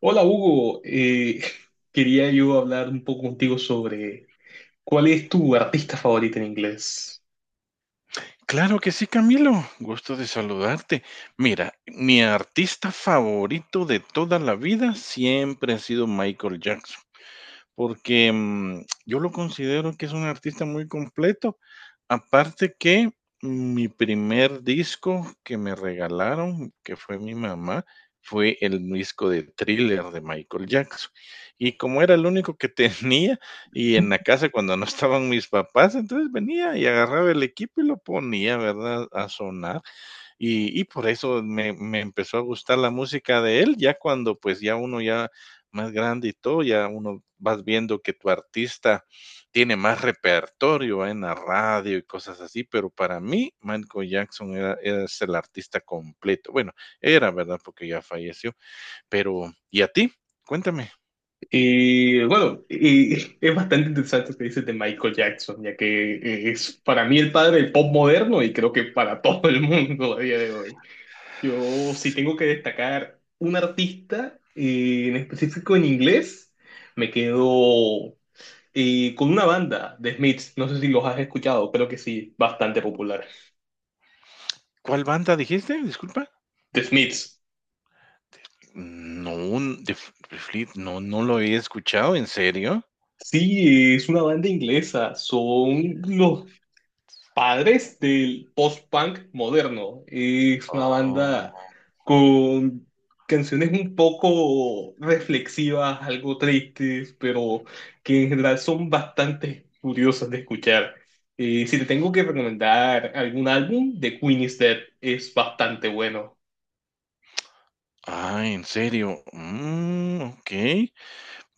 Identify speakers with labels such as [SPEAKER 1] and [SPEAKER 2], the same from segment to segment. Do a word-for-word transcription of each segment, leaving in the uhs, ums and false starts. [SPEAKER 1] Hola Hugo. Eh, quería yo hablar un poco contigo sobre cuál es tu artista favorito en inglés.
[SPEAKER 2] Claro que sí, Camilo. Gusto de saludarte. Mira, mi artista favorito de toda la vida siempre ha sido Michael Jackson, porque mm, yo lo considero que es un artista muy completo. Aparte que mi primer disco que me regalaron, que fue mi mamá, fue el disco de Thriller de Michael Jackson. Y como era el único que tenía, y en la casa cuando no estaban mis papás, entonces venía y agarraba el equipo y lo ponía, ¿verdad? A sonar. Y, y por eso me, me empezó a gustar la música de él, ya cuando, pues, ya uno ya más grande y todo, ya uno vas viendo que tu artista tiene más repertorio, ¿eh?, en la radio y cosas así, pero para mí Michael Jackson era, era- es el artista completo. Bueno, era verdad porque ya falleció, pero ¿y a ti? Cuéntame.
[SPEAKER 1] Eh, bueno, eh, es bastante interesante lo que dices de Michael Jackson, ya que eh, es para mí el padre del pop moderno y creo que para todo el mundo a día de hoy. Yo si
[SPEAKER 2] Sí.
[SPEAKER 1] tengo que destacar un artista eh, en específico en inglés, me quedo eh, con una banda, The Smiths. No sé si los has escuchado, creo que sí, bastante popular.
[SPEAKER 2] ¿Cuál banda dijiste? Disculpa.
[SPEAKER 1] The Smiths.
[SPEAKER 2] No, un- de Fl- de Fleet- no, no lo he escuchado, ¿en serio?
[SPEAKER 1] Sí, es una banda inglesa. Son los padres del post-punk moderno. Es una banda con canciones un poco reflexivas, algo tristes, pero que en general son bastante curiosas de escuchar. Eh, si te tengo que recomendar algún álbum, The Queen is Dead es bastante bueno.
[SPEAKER 2] Ah, ¿en serio? Mm, ok.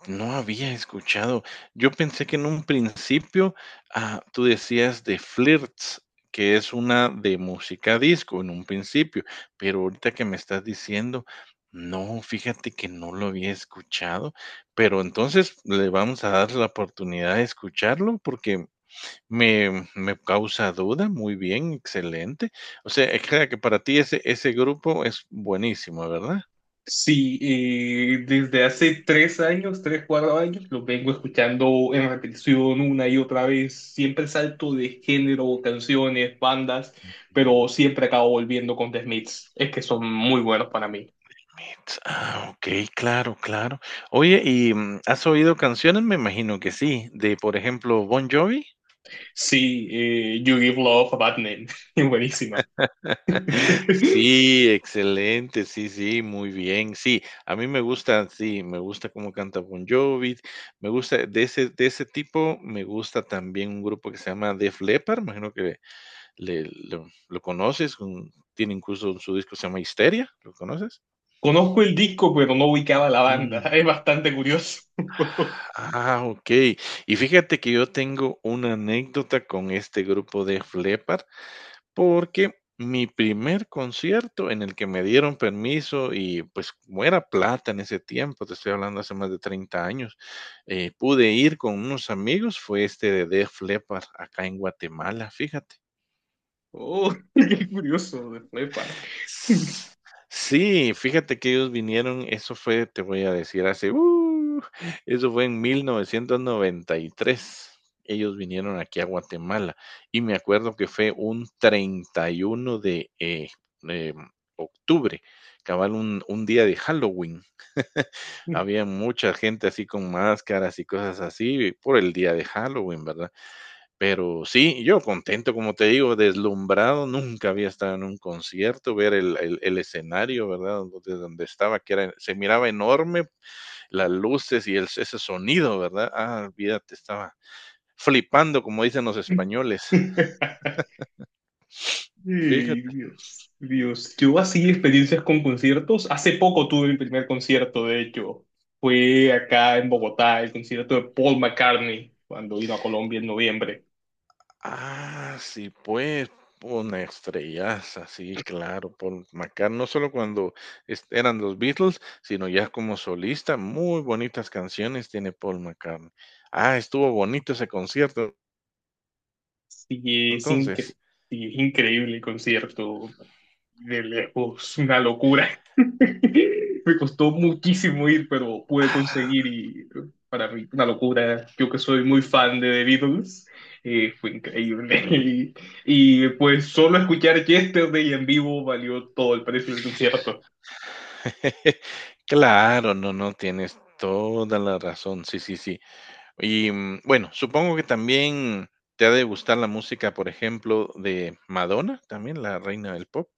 [SPEAKER 2] No había escuchado. Yo pensé que en un principio, ah, tú decías de Flirts, que es una de música disco en un principio, pero ahorita que me estás diciendo, no, fíjate que no lo había escuchado, pero entonces le vamos a dar la oportunidad de escucharlo porque me, me causa duda. Muy bien, excelente. O sea, es que que para ti ese, ese grupo es buenísimo, ¿verdad?
[SPEAKER 1] Sí, eh, desde hace tres años, tres, cuatro años, lo vengo escuchando en repetición una y otra vez. Siempre salto de género, canciones, bandas, pero siempre acabo volviendo con The Smiths. Es que son muy buenos para mí.
[SPEAKER 2] Ah, okey, claro, claro. Oye, y, mm, ¿has oído canciones? Me imagino que sí, de, por ejemplo, Bon Jovi.
[SPEAKER 1] Sí, eh, You Give Love a Bad Name, es buenísima.
[SPEAKER 2] Sí, excelente, sí, sí, muy bien. Sí, a mí me gusta, sí, me gusta cómo canta Bon Jovi, me gusta de ese de ese tipo, me gusta también un grupo que se llama Def Leppard, imagino que le lo lo conoces, un tiene incluso su disco que se llama Histeria, ¿lo conoces?
[SPEAKER 1] Conozco el disco, pero no ubicaba la banda.
[SPEAKER 2] Mm.
[SPEAKER 1] Es bastante curioso.
[SPEAKER 2] Ah, okey. Y fíjate que yo tengo una anécdota con este grupo de Leppard, porque mi primer concierto en el que me dieron permiso y, pues, como era plata en ese tiempo, te estoy hablando hace más de treinta años, eh, pude ir con unos amigos, fue este de Def Leppard acá en Guatemala, fíjate.
[SPEAKER 1] Oh, qué curioso, de flepa.
[SPEAKER 2] Sí, fíjate que ellos vinieron, eso fue, te voy a decir, hace, uh, eso fue en mil novecientos noventa y tres. Ellos vinieron aquí a Guatemala y me acuerdo que fue un treinta y uno de eh, em, octubre, cabal un, un día de Halloween. Había mucha gente así con máscaras y cosas así por el día de Halloween, ¿verdad? Pero sí, yo contento, como te digo, deslumbrado, nunca había estado en un concierto, ver el, el- el escenario, ¿verdad? Donde, donde estaba, que era, se miraba enorme, las luces y el, ese sonido, ¿verdad? Ah, olvídate, estaba flipando, como dicen los españoles.
[SPEAKER 1] Ey,
[SPEAKER 2] Fíjate.
[SPEAKER 1] Dios, Dios. Yo así experiencias con conciertos. Hace poco tuve mi primer concierto, de hecho. Fue acá en Bogotá, el concierto de Paul McCartney, cuando vino a Colombia en noviembre.
[SPEAKER 2] Ah, sí, pues, una estrellaza, sí, claro, Paul McCartney, no solo cuando es- eran los Beatles, sino ya como solista, muy bonitas canciones tiene Paul McCartney. Ah, estuvo bonito ese concierto,
[SPEAKER 1] Sí, es, incre-
[SPEAKER 2] entonces.
[SPEAKER 1] sí, es increíble el concierto. De lejos, una locura. Me costó muchísimo ir, pero pude
[SPEAKER 2] Ah,
[SPEAKER 1] conseguir y para mí una locura. Yo que soy muy fan de The Beatles, eh, fue
[SPEAKER 2] ah.
[SPEAKER 1] increíble. Y, y, pues solo escuchar Yesterday en vivo valió todo el precio del concierto.
[SPEAKER 2] Claro, no, no, tienes toda la razón, sí, sí, sí. Y mm, bueno, supongo que también te ha de gustar la música, por ejemplo, de Madonna, también la reina del pop.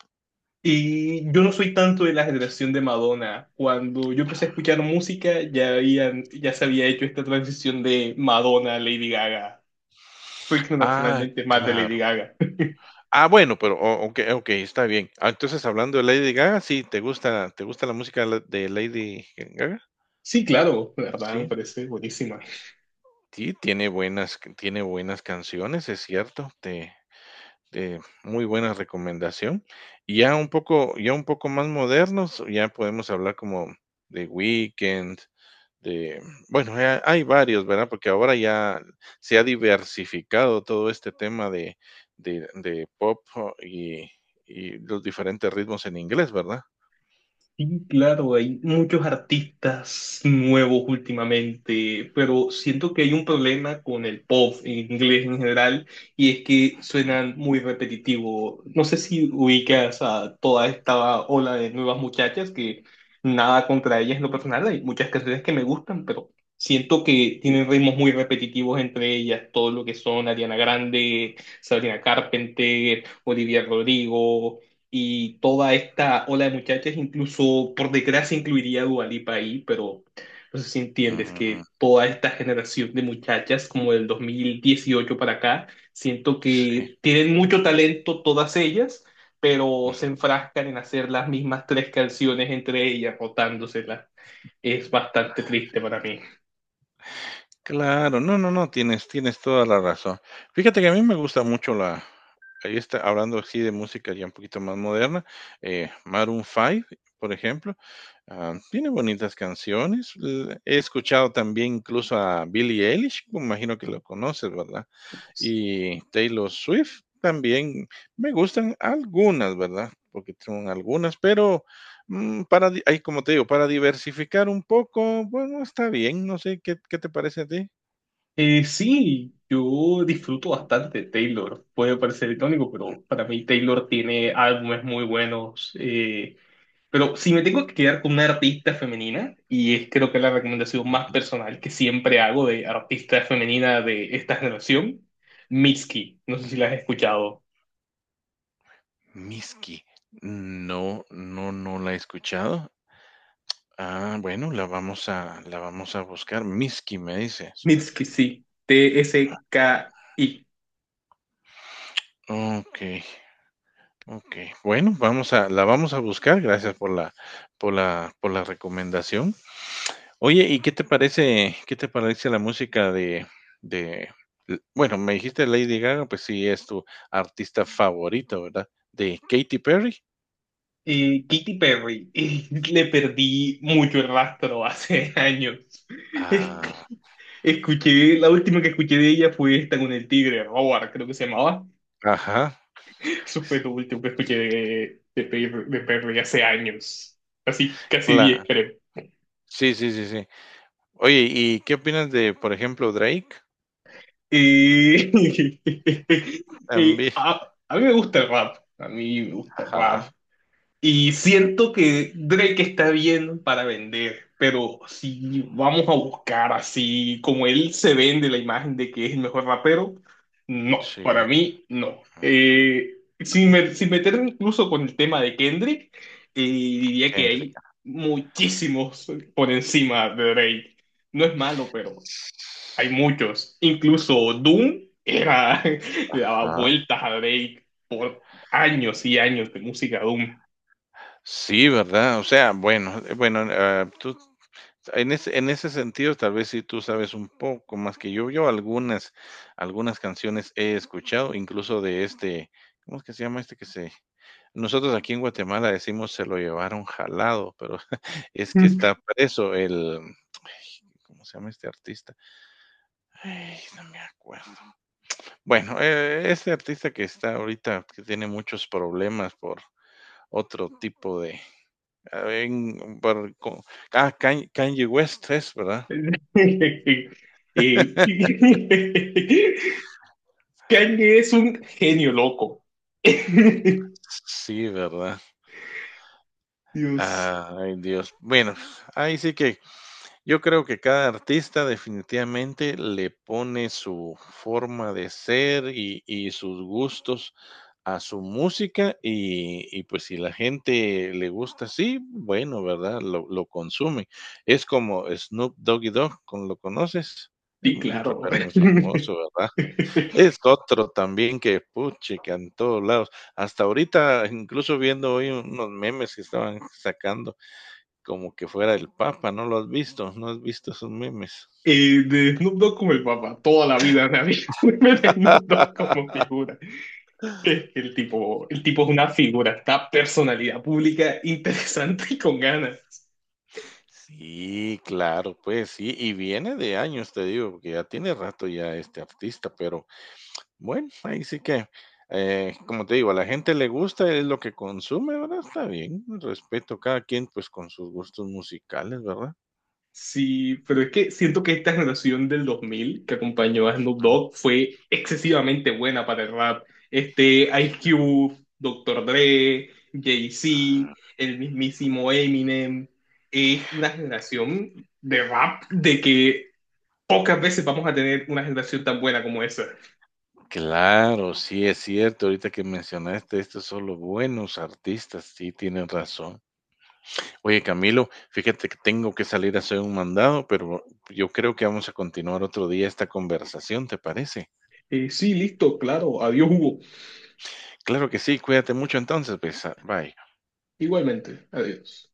[SPEAKER 1] Y yo no soy tanto de la generación de Madonna. Cuando yo empecé a escuchar música, ya habían, ya se había hecho esta transición de Madonna a Lady Gaga,
[SPEAKER 2] Ah,
[SPEAKER 1] internacionalmente más de Lady
[SPEAKER 2] claro.
[SPEAKER 1] Gaga.
[SPEAKER 2] Ah, bueno, pero o okey, okey, está bien. Ah, entonces, hablando de Lady Gaga, sí, ¿te gusta te gusta la música de la de Lady Gaga?
[SPEAKER 1] Sí, claro, la verdad me
[SPEAKER 2] Sí,
[SPEAKER 1] parece buenísima.
[SPEAKER 2] sí, tiene buenas c tiene buenas canciones, es cierto, te te muy buena recomendación. Y ya un poco ya un poco más modernos, ya podemos hablar como de Weekend. de, bueno, ha- hay varios, ¿verdad? Porque ahora ya se ha diversificado todo este tema de, de, de pop, oh, y, y los diferentes ritmos en inglés, ¿verdad?
[SPEAKER 1] Sí, claro, hay muchos artistas nuevos últimamente, pero siento que hay un problema con el pop en inglés en general y es que suenan muy repetitivo. No sé si ubicas a toda esta ola de nuevas muchachas que, nada contra ellas en lo personal, hay muchas canciones que me gustan, pero siento que tienen ritmos muy repetitivos entre ellas, todo lo que son Ariana Grande, Sabrina Carpenter, Olivia Rodrigo y toda esta ola de muchachas, incluso por desgracia incluiría a Dua Lipa ahí, pero no sé si entiendes
[SPEAKER 2] Ujú.
[SPEAKER 1] que toda esta generación de muchachas, como del dos mil dieciocho para acá, siento
[SPEAKER 2] Sí.
[SPEAKER 1] que tienen mucho talento todas ellas, pero se
[SPEAKER 2] Ujú.
[SPEAKER 1] enfrascan en hacer las mismas tres canciones entre ellas, rotándoselas. Es bastante triste para mí.
[SPEAKER 2] Claro, no, no, no, tienes, tienes toda la razón. Fíjate que a mí me gusta mucho la, ahí está, hablando así de música ya un poquito más moderna, eh, Maroon cinco, por ejemplo. Ah, tiene bonitas canciones. L- He escuchado también incluso a Billie Eilish, me imagino que lo conoces, ¿verdad? Y Taylor Swift también me gustan algunas, ¿verdad? Porque son algunas, pero mm, para, di- ahí, como te digo, para diversificar un poco, bueno, está bien, no sé, ¿qué, qué te parece a ti?
[SPEAKER 1] Eh, sí, yo disfruto bastante de Taylor. Puede parecer irónico, pero para mí Taylor tiene álbumes muy buenos. eh, Pero si me tengo que quedar con una artista femenina, y es creo que la recomendación más
[SPEAKER 2] Ujú,
[SPEAKER 1] personal que siempre hago de artista femenina de esta generación, Mitski. No sé si la has
[SPEAKER 2] ujú.
[SPEAKER 1] escuchado.
[SPEAKER 2] Miski. No, no, no la he escuchado. Ah, bueno, la vamos a, la vamos a buscar. Miski, me dices.
[SPEAKER 1] Mitski, sí. T S K I.
[SPEAKER 2] Ok. Ok, bueno, vamos a la vamos a buscar, gracias por la por la por la recomendación. Oye, ¿y qué te parece qué te parece la música de de l bueno, me dijiste Lady Gaga, pues sí es tu artista favorito, ¿verdad? ¿De Katy Perry?
[SPEAKER 1] Y Katy Perry. Y le perdí mucho el rastro hace años. Es-
[SPEAKER 2] Ah,
[SPEAKER 1] Escuché, la última que escuché de ella fue esta con el tigre, Robert, creo que se llamaba.
[SPEAKER 2] ajá,
[SPEAKER 1] Eso fue lo último que escuché de, de, Perry- de Perry hace años. Así, casi diez
[SPEAKER 2] cla
[SPEAKER 1] creo.
[SPEAKER 2] sí, sí, sí, sí. Oye, ¿y qué opinas de, por ejemplo, Drake?
[SPEAKER 1] Y, y
[SPEAKER 2] También,
[SPEAKER 1] a, a mí me gusta el rap. A mí me gusta el rap.
[SPEAKER 2] ajá,
[SPEAKER 1] Y siento que Drake está bien para vender, pero si vamos a buscar así como él se vende la imagen de que es el mejor rapero, no, para
[SPEAKER 2] sí,
[SPEAKER 1] mí no.
[SPEAKER 2] mm,
[SPEAKER 1] Eh, sin, me- sin meterme incluso con el tema de Kendrick, eh, diría que
[SPEAKER 2] Kendrick.
[SPEAKER 1] hay muchísimos por encima de Drake. No es malo, pero hay muchos. Incluso Doom era, le daba
[SPEAKER 2] Ajá.
[SPEAKER 1] vueltas a Drake por años y años de música Doom.
[SPEAKER 2] Sí, ¿verdad? O sea, bueno, eh, bueno, ah, tú en ese en ese sentido, tal vez sí tú sabes un poco más que yo. Yo algunas algunas canciones he escuchado, incluso de este, ¿cómo es que se llama este que se? Nosotros aquí en Guatemala decimos: "Se lo llevaron jalado", pero es que está preso el, ay, ¿cómo se llama este artista? Ay, no me acuerdo. Bueno, eh, este artista que está ahorita, que tiene muchos problemas por otro tipo de... Ah, en, por- con- ah, Kanye West es, ¿verdad?
[SPEAKER 1] Eh, Kanye es un genio loco.
[SPEAKER 2] Sí, ¿verdad?
[SPEAKER 1] Dios,
[SPEAKER 2] Ay, Dios. Bueno, ahí sí que yo creo que cada artista definitivamente le pone su forma de ser y, y sus gustos a su música, y, y pues si la gente le gusta así, bueno, ¿verdad? Lo, lo consume. Es como Snoop Doggy Dogg, ¿con- ¿lo conoces? Es
[SPEAKER 1] sí,
[SPEAKER 2] un
[SPEAKER 1] claro.
[SPEAKER 2] rapero muy famoso, ¿verdad? Es otro también que, puchica, en todos lados. Hasta ahorita, incluso viendo hoy unos memes que estaban sacando, como que fuera el Papa, ¿no lo has visto? ¿No has visto esos memes?
[SPEAKER 1] Eh, de Snoop Dogg como el papá, toda la vida me había de Snoop Dogg como figura. Es que El tipo, el tipo es una figura, está personalidad pública interesante y con ganas.
[SPEAKER 2] Sí, claro, pues sí, y viene de años, te digo, porque ya tiene rato ya este artista, pero bueno, ahí sí que, eh, como te digo, a la gente le gusta, es lo que consume, ¿verdad? Está bien, respeto cada quien pues con sus gustos musicales, ¿verdad?
[SPEAKER 1] Sí, pero es que siento que esta generación del dos mil que acompañó a Snoop Dogg fue excesivamente buena para el rap. Este, Ice Cube, Doctor Dre, Jay-Z, el mismísimo Eminem. Es una generación de rap de que pocas veces vamos a tener una generación tan buena como esa.
[SPEAKER 2] Claro, sí es cierto. Ahorita que mencionaste estos son los buenos artistas, sí tienes razón. Oye, Camilo, fíjate que tengo que salir a hacer un mandado, pero yo creo que vamos a continuar otro día esta conversación, ¿te parece?
[SPEAKER 1] Eh, sí, listo, claro. Adiós, Hugo.
[SPEAKER 2] Claro que sí, cuídate mucho entonces, pues, ah, bye.
[SPEAKER 1] Igualmente, adiós.